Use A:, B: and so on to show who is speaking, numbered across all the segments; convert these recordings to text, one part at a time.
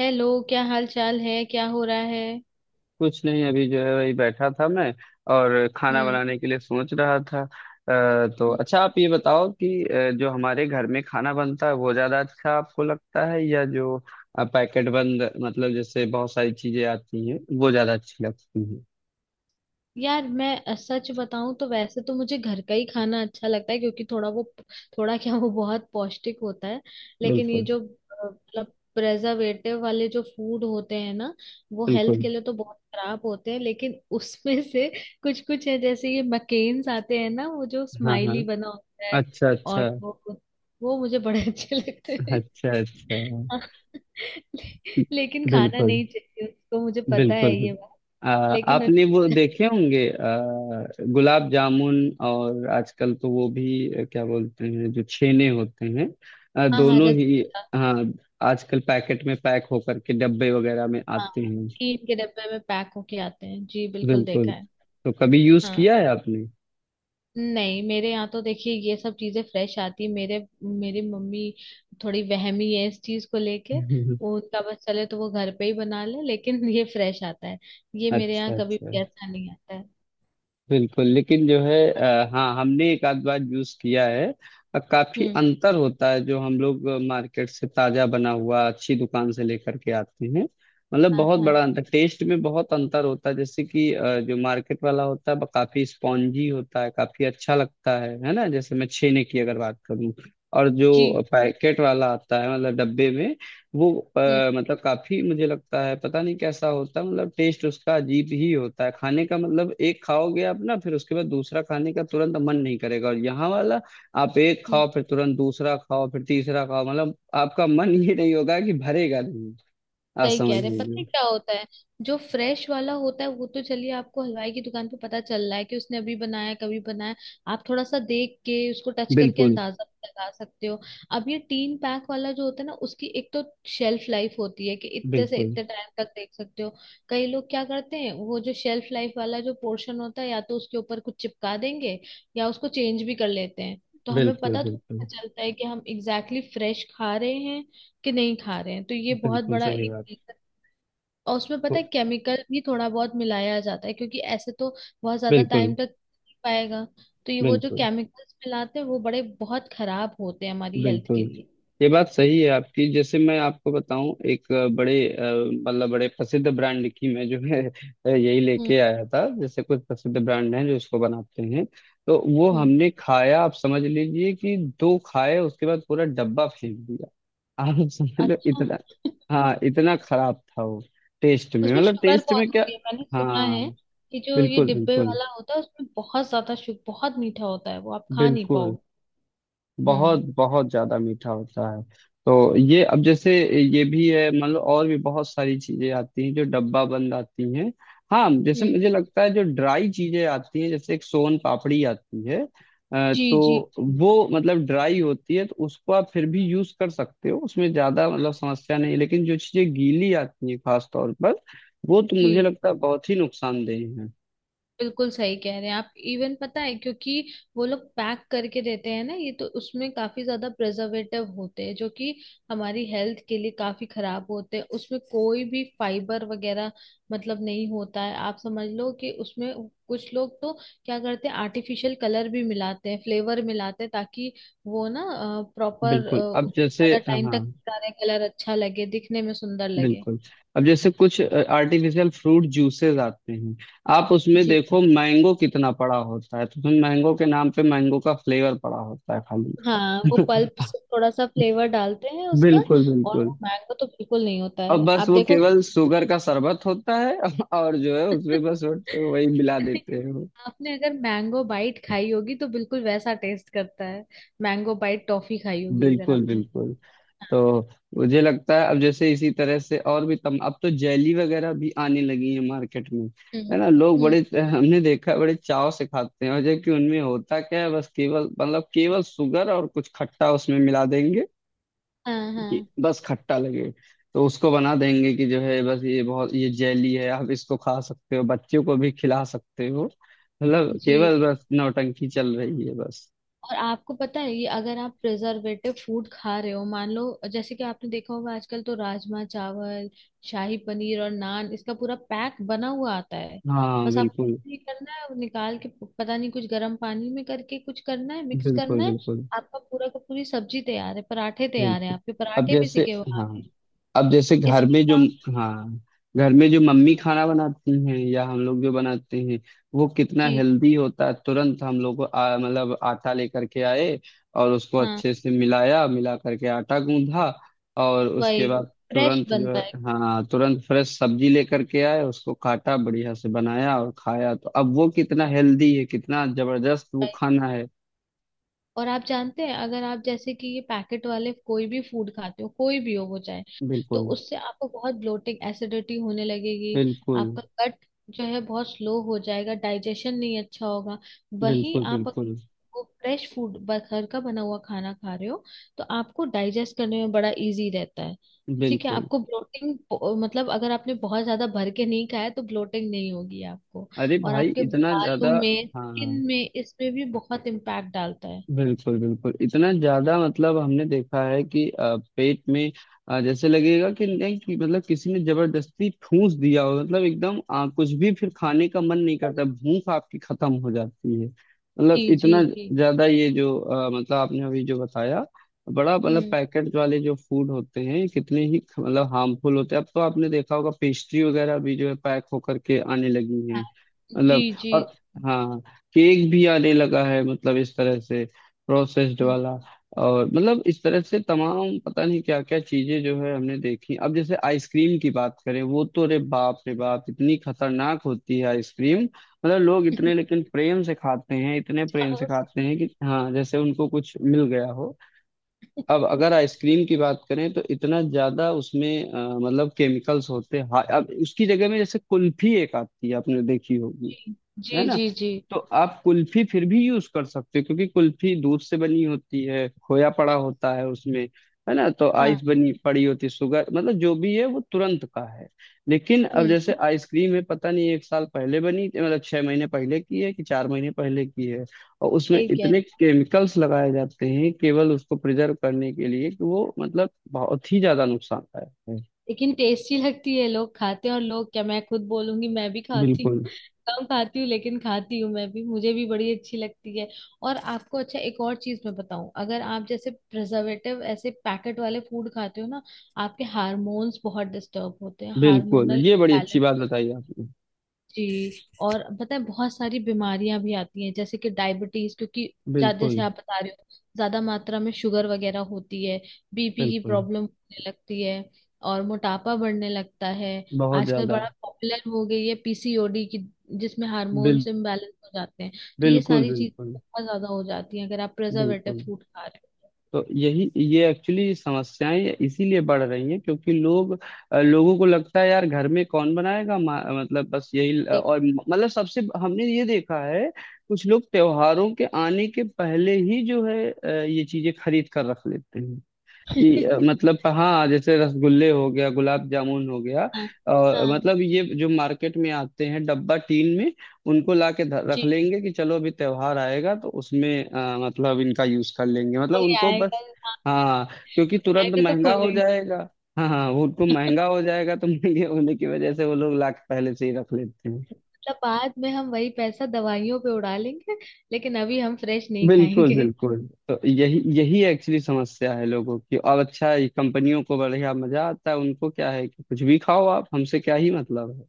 A: Hello, क्या हाल चाल है? क्या हो रहा है?
B: कुछ नहीं अभी जो है वही बैठा था मैं और खाना
A: हम्म।
B: बनाने के लिए सोच रहा था तो अच्छा आप ये बताओ कि जो हमारे घर में खाना बनता है वो ज्यादा अच्छा आपको लगता है या जो पैकेट बंद मतलब जैसे बहुत सारी चीजें आती हैं वो ज्यादा अच्छी लगती हैं।
A: यार मैं सच बताऊं तो वैसे तो मुझे घर का ही खाना अच्छा लगता है, क्योंकि थोड़ा वो थोड़ा क्या, वो बहुत पौष्टिक होता है। लेकिन ये
B: बिल्कुल
A: जो मतलब प्रेजर्वेटिव वाले जो फूड होते हैं ना, वो हेल्थ
B: बिल्कुल।
A: के लिए तो बहुत खराब होते हैं, लेकिन उसमें से कुछ कुछ है। जैसे ये मकेन्स आते हैं ना, वो जो
B: हाँ हाँ।
A: स्माइली बना होता है
B: अच्छा
A: और
B: अच्छा।
A: वो मुझे बड़े अच्छे लगते।
B: अच्छा अच्छा।
A: लेकिन खाना
B: बिल्कुल
A: नहीं चाहिए उसको, मुझे पता
B: बिल्कुल
A: है ये
B: बिल्कुल।
A: बात।
B: आ,
A: लेकिन
B: आपने वो
A: अच्छा-
B: देखे होंगे गुलाब जामुन। और आजकल तो वो भी क्या बोलते हैं जो छेने होते हैं
A: हाँ हाँ,
B: दोनों ही।
A: रसगुल्ला।
B: हाँ। आजकल पैकेट में पैक होकर के डब्बे वगैरह में
A: हाँ
B: आते
A: हाँ,
B: हैं।
A: टीन के डब्बे में पैक होके आते हैं जी, बिल्कुल
B: बिल्कुल।
A: देखा है।
B: तो कभी यूज
A: हाँ।
B: किया है आपने?
A: नहीं, मेरे यहाँ तो देखिए ये सब चीजें फ्रेश आती है। मेरे मेरी मम्मी थोड़ी वहमी है इस चीज को लेके। वो, उनका बस चले तो वो घर पे ही बना ले, लेकिन ये फ्रेश आता है। ये मेरे यहाँ
B: अच्छा
A: कभी
B: अच्छा।
A: भी ऐसा नहीं आता है।
B: बिल्कुल लेकिन जो है
A: हाँ।
B: हाँ हमने एक आध बार यूज किया है। काफी
A: हम्म।
B: अंतर होता है जो हम लोग मार्केट से ताजा बना हुआ अच्छी दुकान से लेकर के आते हैं। मतलब
A: हाँ
B: बहुत
A: हाँ।
B: बड़ा अंतर टेस्ट में बहुत अंतर होता है। जैसे कि जो मार्केट वाला होता है वो काफी स्पॉन्जी होता है, काफी अच्छा लगता है ना, जैसे मैं छेने की अगर बात करूँ। और जो
A: जी।
B: पैकेट वाला आता है मतलब डब्बे में, वो
A: हम्म।
B: अ, मतलब काफी मुझे लगता है पता नहीं कैसा होता है, मतलब टेस्ट उसका अजीब ही होता है खाने का। मतलब एक खाओगे आप ना फिर उसके बाद दूसरा खाने का तुरंत मन नहीं करेगा। और यहाँ वाला आप एक
A: हम्म।
B: खाओ फिर तुरंत दूसरा खाओ फिर तीसरा खाओ मतलब आपका मन ये नहीं होगा कि भरेगा नहीं, आप
A: सही
B: समझ
A: कह रहे हैं। पता है
B: लीजिए।
A: क्या होता है, जो फ्रेश वाला होता है वो तो चलिए आपको हलवाई की दुकान पे पता चल रहा है कि उसने अभी बनाया है, कभी बनाया है। आप थोड़ा सा देख के उसको टच करके
B: बिल्कुल
A: अंदाजा भी लगा सकते हो। अब ये तीन पैक वाला जो होता है ना, उसकी एक तो शेल्फ लाइफ होती है कि इतने से
B: बिल्कुल।
A: इतने टाइम तक देख सकते हो। कई लोग क्या करते हैं, वो जो शेल्फ लाइफ वाला जो पोर्शन होता है, या तो उसके ऊपर कुछ चिपका देंगे या उसको चेंज भी कर लेते हैं। तो हमें
B: बिल्कुल
A: पता थोड़ा
B: बिल्कुल।
A: चलता है कि हम एग्जैक्टली फ्रेश खा रहे हैं कि नहीं खा रहे हैं। तो ये बहुत
B: बिल्कुल
A: बड़ा
B: सही
A: एक।
B: बात।
A: और उसमें पता है केमिकल भी थोड़ा बहुत मिलाया जाता है, क्योंकि ऐसे तो बहुत ज्यादा
B: बिल्कुल
A: टाइम तक नहीं पाएगा। तो ये वो जो
B: बिल्कुल
A: केमिकल्स मिलाते हैं वो बड़े बहुत खराब होते हैं हमारी हेल्थ के
B: बिल्कुल।
A: लिए।
B: ये बात सही है आपकी। जैसे मैं आपको बताऊं एक बड़े मतलब बड़े प्रसिद्ध ब्रांड की मैं जो है यही
A: हम्म।
B: लेके आया था। जैसे कुछ प्रसिद्ध ब्रांड हैं जो इसको बनाते हैं। तो वो
A: हम्म।
B: हमने खाया, आप समझ लीजिए कि दो खाए उसके बाद पूरा डब्बा फेंक दिया। आप समझ लो
A: अच्छा,
B: इतना। हाँ, इतना खराब था वो टेस्ट में।
A: उसमें
B: मतलब
A: शुगर
B: टेस्ट में
A: बहुत
B: क्या।
A: होती है, मैंने सुना
B: हाँ।
A: है कि जो ये
B: बिल्कुल
A: डिब्बे
B: बिल्कुल।
A: वाला होता है उसमें बहुत ज्यादा शुगर, बहुत मीठा होता है, वो आप खा नहीं
B: बिल्कुल
A: पाओगे।
B: बहुत
A: हम्म।
B: बहुत ज्यादा मीठा होता है। तो ये अब जैसे ये भी है, मतलब और भी बहुत सारी चीजें आती हैं जो डब्बा बंद आती हैं। हाँ, जैसे
A: हम्म।
B: मुझे लगता है जो ड्राई चीजें आती हैं जैसे एक सोन पापड़ी आती है।
A: जी जी
B: तो वो मतलब ड्राई होती है तो उसको आप फिर भी यूज कर सकते हो, उसमें ज्यादा मतलब समस्या नहीं है। लेकिन जो चीजें गीली आती हैं खास तौर पर वो तो मुझे
A: जी।
B: लगता है बहुत ही नुकसानदेह है।
A: बिल्कुल सही कह रहे हैं आप। इवन पता है क्योंकि वो लोग पैक करके देते हैं ना ये, तो उसमें काफी ज्यादा प्रिजर्वेटिव होते हैं जो कि हमारी हेल्थ के लिए काफी खराब होते हैं। उसमें कोई भी फाइबर वगैरह मतलब नहीं होता है। आप समझ लो कि उसमें कुछ लोग तो क्या करते हैं, आर्टिफिशियल कलर भी मिलाते हैं, फ्लेवर मिलाते हैं, ताकि वो ना प्रॉपर
B: बिल्कुल अब जैसे
A: ज्यादा टाइम
B: हाँ।
A: तक सारे कलर अच्छा लगे, दिखने में सुंदर लगे।
B: बिल्कुल। अब जैसे कुछ आर्टिफिशियल फ्रूट जूसेस आते हैं, आप उसमें
A: जी।
B: देखो मैंगो कितना पड़ा होता है, तो उसमें मैंगो के नाम पे मैंगो का फ्लेवर पड़ा होता है
A: हाँ,
B: खाली।
A: वो पल्प से थोड़ा सा फ्लेवर डालते हैं उसका,
B: बिल्कुल
A: और
B: बिल्कुल।
A: वो मैंगो तो बिल्कुल नहीं होता
B: और
A: है,
B: बस
A: आप
B: वो
A: देखो कि।
B: केवल शुगर का शरबत होता है और जो है उसमें बस वो- वही मिला देते हैं वो।
A: आपने अगर मैंगो बाइट खाई होगी तो बिल्कुल वैसा टेस्ट करता है, मैंगो बाइट टॉफी खाई होगी अगर
B: बिल्कुल
A: आपने।
B: बिल्कुल।
A: हाँ।
B: तो मुझे लगता है अब जैसे इसी तरह से और भी तम अब तो जेली वगैरह भी आने लगी है मार्केट में, है
A: हम्म।
B: ना। लोग
A: हम्म,
B: बड़े हमने देखा है, बड़े चाव से खाते हैं और जबकि उनमें होता क्या है बस केवल मतलब केवल शुगर और कुछ खट्टा उसमें मिला देंगे
A: हाँ
B: कि
A: हाँ।
B: बस खट्टा लगे। तो उसको बना देंगे कि जो है बस ये बहुत ये जेली है आप इसको खा सकते हो बच्चों को भी खिला सकते हो। मतलब
A: जी।
B: केवल बस नौटंकी चल रही है बस।
A: और आपको पता है, ये अगर आप प्रिजर्वेटिव फूड खा रहे हो, मान लो, जैसे कि आपने देखा होगा आजकल तो राजमा चावल, शाही पनीर और नान, इसका पूरा पैक बना हुआ आता है।
B: हाँ
A: बस
B: बिल्कुल।
A: आपको ये करना है, वो निकाल के पता नहीं कुछ गर्म पानी में करके कुछ करना है, मिक्स
B: बिल्कुल
A: करना है।
B: बिल्कुल।
A: आपका पूरा का पूरी सब्जी तैयार है, पराठे तैयार है,
B: बिल्कुल
A: आपके
B: अब
A: पराठे भी
B: जैसे
A: सिके हुए
B: हाँ।
A: हैं।
B: अब जैसे घर
A: इसमें
B: में जो,
A: क्या।
B: हाँ, घर में जो मम्मी खाना बनाती हैं या हम लोग जो बनाते हैं वो कितना
A: जी।
B: हेल्दी होता है। तुरंत हम लोग मतलब आटा लेकर के आए और उसको
A: हाँ।
B: अच्छे से मिलाया मिला करके आटा गूंधा। और उसके
A: वही
B: बाद
A: फ्रेश
B: तुरंत जो
A: बनता
B: है, हाँ तुरंत फ्रेश सब्जी लेकर के आए उसको काटा बढ़िया से बनाया और खाया। तो अब वो कितना हेल्दी है कितना जबरदस्त वो
A: है।
B: खाना है।
A: और आप जानते हैं, अगर आप जैसे कि ये पैकेट वाले कोई भी फूड खाते हो, कोई भी हो वो चाहे, तो
B: बिल्कुल
A: उससे आपको बहुत ब्लोटिंग, एसिडिटी होने लगेगी।
B: बिल्कुल।
A: आपका गट जो है बहुत स्लो हो जाएगा, डाइजेशन नहीं अच्छा होगा। वही
B: बिल्कुल
A: आप अगर
B: बिल्कुल
A: वो फ्रेश फूड, घर का बना हुआ खाना खा रहे हो, तो आपको डाइजेस्ट करने में बड़ा इजी रहता है। ठीक है,
B: बिल्कुल।
A: आपको ब्लोटिंग मतलब अगर आपने बहुत ज्यादा भर के नहीं खाया तो ब्लोटिंग नहीं होगी आपको।
B: अरे
A: और
B: भाई
A: आपके
B: इतना ज्यादा।
A: बालों में,
B: हाँ
A: स्किन
B: हाँ।
A: में, इसमें भी बहुत इम्पैक्ट डालता है।
B: बिल्कुल बिल्कुल इतना ज्यादा मतलब हमने देखा है कि पेट में जैसे लगेगा कि नहीं कि मतलब किसी ने जबरदस्ती ठूस दिया हो, मतलब एकदम कुछ भी फिर खाने का मन नहीं
A: जी
B: करता, भूख आपकी खत्म हो जाती है। मतलब
A: जी
B: इतना
A: जी।
B: ज्यादा ये जो मतलब आपने अभी जो बताया बड़ा, मतलब
A: हम्म।
B: पैकेट वाले जो फूड होते हैं कितने ही ख- मतलब हार्मफुल होते हैं। अब तो आपने देखा होगा पेस्ट्री वगैरह भी जो है पैक होकर के आने लगी हैं
A: हाँ, जी
B: मतलब।
A: जी।
B: और हाँ केक भी आने लगा है मतलब इस तरह से प्रोसेस्ड
A: हम्म।
B: वाला। और मतलब इस तरह से तमाम पता नहीं क्या क्या चीजें जो है हमने देखी। अब जैसे आइसक्रीम की बात करें वो तो रे बाप इतनी खतरनाक होती है आइसक्रीम। मतलब लोग इतने लेकिन प्रेम से खाते हैं, इतने प्रेम से खाते हैं कि हाँ जैसे उनको कुछ मिल गया हो। अब अगर आइसक्रीम की बात करें तो इतना ज्यादा उसमें मतलब केमिकल्स होते हैं। हाँ, अब उसकी जगह में जैसे कुल्फी एक आती है आपने देखी होगी, है
A: जी
B: ना।
A: जी जी।
B: तो आप कुल्फी फिर भी यूज कर सकते हो क्योंकि कुल्फी दूध से बनी होती है, खोया पड़ा होता है उसमें, है ना। तो आइस
A: हाँ।
B: बनी पड़ी होती है, शुगर, मतलब जो भी है वो तुरंत का है। लेकिन अब
A: हम्म।
B: जैसे आइसक्रीम है पता नहीं एक साल पहले बनी, मतलब छह महीने पहले की है कि चार महीने पहले की है। और उसमें
A: सही क्या है,
B: इतने केमिकल्स लगाए जाते हैं केवल उसको प्रिजर्व करने के लिए कि वो मतलब बहुत ही ज्यादा नुकसानदायक है।
A: लेकिन टेस्टी लगती है, लोग खाते हैं, और लोग क्या मैं खुद बोलूंगी, मैं भी खाती हूँ।
B: बिल्कुल
A: कम खाती हूँ लेकिन खाती हूँ मैं भी, मुझे भी बड़ी अच्छी लगती है। और आपको अच्छा एक और चीज मैं बताऊं, अगर आप जैसे प्रिजर्वेटिव ऐसे पैकेट वाले फूड खाते हो ना, आपके हार्मोन्स बहुत डिस्टर्ब होते हैं,
B: बिल्कुल।
A: हार्मोनल
B: ये बड़ी अच्छी
A: बैलेंस।
B: बात बताई आपने।
A: जी। और पता है बहुत सारी बीमारियां भी आती हैं, जैसे कि डायबिटीज, क्योंकि जैसे
B: बिल्कुल
A: आप बता रहे हो, ज्यादा मात्रा में शुगर वगैरह होती है, बीपी की
B: बिल्कुल
A: प्रॉब्लम होने लगती है, और मोटापा बढ़ने लगता है।
B: बहुत
A: आजकल
B: ज्यादा।
A: बड़ा पॉपुलर हो गई है पीसीओडी की, जिसमें
B: बिल,
A: हार्मोन्स इम्बैलेंस हो जाते हैं। तो ये
B: बिल्कुल
A: सारी चीजें
B: बिल्कुल
A: बहुत ज्यादा हो जाती हैं अगर आप प्रिजर्वेटिव
B: बिल्कुल।
A: फूड खा रहे हो।
B: तो यही ये एक्चुअली समस्याएं इसीलिए बढ़ रही हैं क्योंकि लोग लोगों को लगता है यार घर में कौन बनाएगा मा- मतलब बस यही। और मतलब सबसे हमने ये देखा है कुछ लोग त्योहारों के आने के पहले ही जो है ये चीजें खरीद कर रख लेते हैं कि
A: ठीक।
B: मतलब हाँ जैसे रसगुल्ले हो गया गुलाब जामुन हो गया
A: हाँ
B: और
A: हाँ।
B: मतलब ये जो मार्केट में आते हैं डब्बा टीन में उनको ला के
A: जी।
B: रख लेंगे कि चलो अभी त्योहार आएगा तो उसमें मतलब इनका यूज कर लेंगे मतलब
A: कोई
B: उनको
A: आएगा।
B: बस।
A: हाँ,
B: हाँ क्योंकि
A: कोई
B: तुरंत
A: आएगा तो
B: महंगा हो
A: खोलेंगे।
B: जाएगा। हाँ हाँ वो उनको महंगा हो जाएगा तो महंगे होने की वजह से वो लोग ला के पहले से ही रख लेते हैं।
A: मतलब बाद में हम वही पैसा दवाइयों पे उड़ा लेंगे, लेकिन अभी हम फ्रेश नहीं
B: बिल्कुल
A: खाएंगे।
B: बिल्कुल। तो यही यही एक्चुअली समस्या है लोगों की। और अच्छा है, कंपनियों को बढ़िया मजा आता है, उनको क्या है कि कुछ भी खाओ आप हमसे क्या ही मतलब है।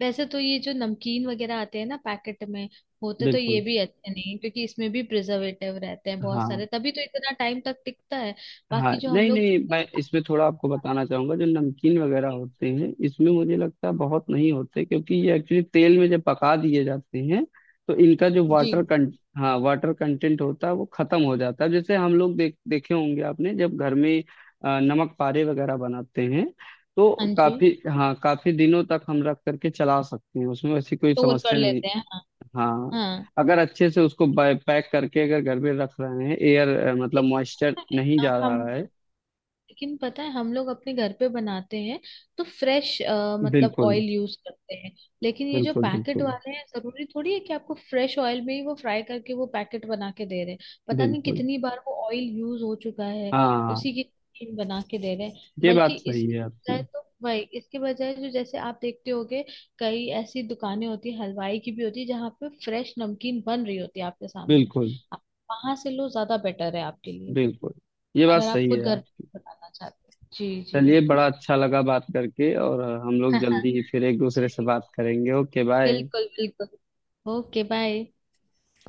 A: वैसे तो ये जो नमकीन वगैरह आते हैं ना पैकेट में, होते तो ये
B: बिल्कुल।
A: भी अच्छे नहीं हैं, क्योंकि इसमें भी प्रिजर्वेटिव रहते हैं बहुत
B: हाँ
A: सारे, तभी तो इतना टाइम तक टिकता है।
B: हाँ
A: बाकी जो हम
B: नहीं
A: लोग।
B: नहीं मैं इसमें थोड़ा आपको बताना चाहूंगा जो नमकीन वगैरह होते हैं इसमें मुझे लगता है बहुत नहीं होते क्योंकि ये एक्चुअली तेल में जब पका दिए जाते हैं तो इनका जो
A: जी।
B: वाटर कंट, हाँ वाटर कंटेंट होता है वो खत्म हो जाता है। जैसे हम लोग देख देखे होंगे आपने जब घर में नमक पारे वगैरह बनाते हैं
A: हाँ।
B: तो
A: जी,
B: काफी, हाँ काफी दिनों तक हम रख करके चला सकते हैं, उसमें वैसी कोई
A: स्टोर कर
B: समस्या नहीं।
A: लेते हैं। हाँ।
B: हाँ
A: हाँ।
B: अगर अच्छे से उसको पैक करके अगर घर में रख रहे हैं एयर मतलब
A: लेकिन
B: मॉइस्चर नहीं जा रहा
A: हम
B: है।
A: लेकिन पता है हम लोग अपने घर पे बनाते हैं, तो फ्रेश मतलब
B: बिल्कुल
A: ऑयल यूज करते हैं। लेकिन ये जो
B: बिल्कुल।
A: पैकेट
B: बिल्कुल
A: वाले हैं, जरूरी थोड़ी है कि आपको फ्रेश ऑयल में ही वो फ्राई करके वो पैकेट बना के दे रहे हैं। पता नहीं
B: बिल्कुल।
A: कितनी बार वो ऑयल यूज हो चुका है,
B: हाँ
A: उसी की cream बना के दे रहे हैं।
B: ये
A: बल्कि
B: बात सही
A: इसके
B: है
A: बजाय
B: आपकी।
A: तो वही, इसके बजाय जो, जैसे आप देखते होगे कई ऐसी दुकानें होती है, हलवाई की भी होती है, जहाँ पे फ्रेश नमकीन बन रही होती है आपके सामने।
B: बिल्कुल
A: आप वहां से लो, ज्यादा बेटर है आपके लिए।
B: बिल्कुल। ये बात
A: अगर आप
B: सही
A: खुद
B: है
A: घर
B: आप।
A: पे बनाना चाहते। जी जी।
B: चलिए बड़ा अच्छा लगा बात करके और हम लोग
A: हो,
B: जल्दी ही फिर एक दूसरे से बात करेंगे। Okay bye.
A: बिल्कुल बिल्कुल। Okay bye.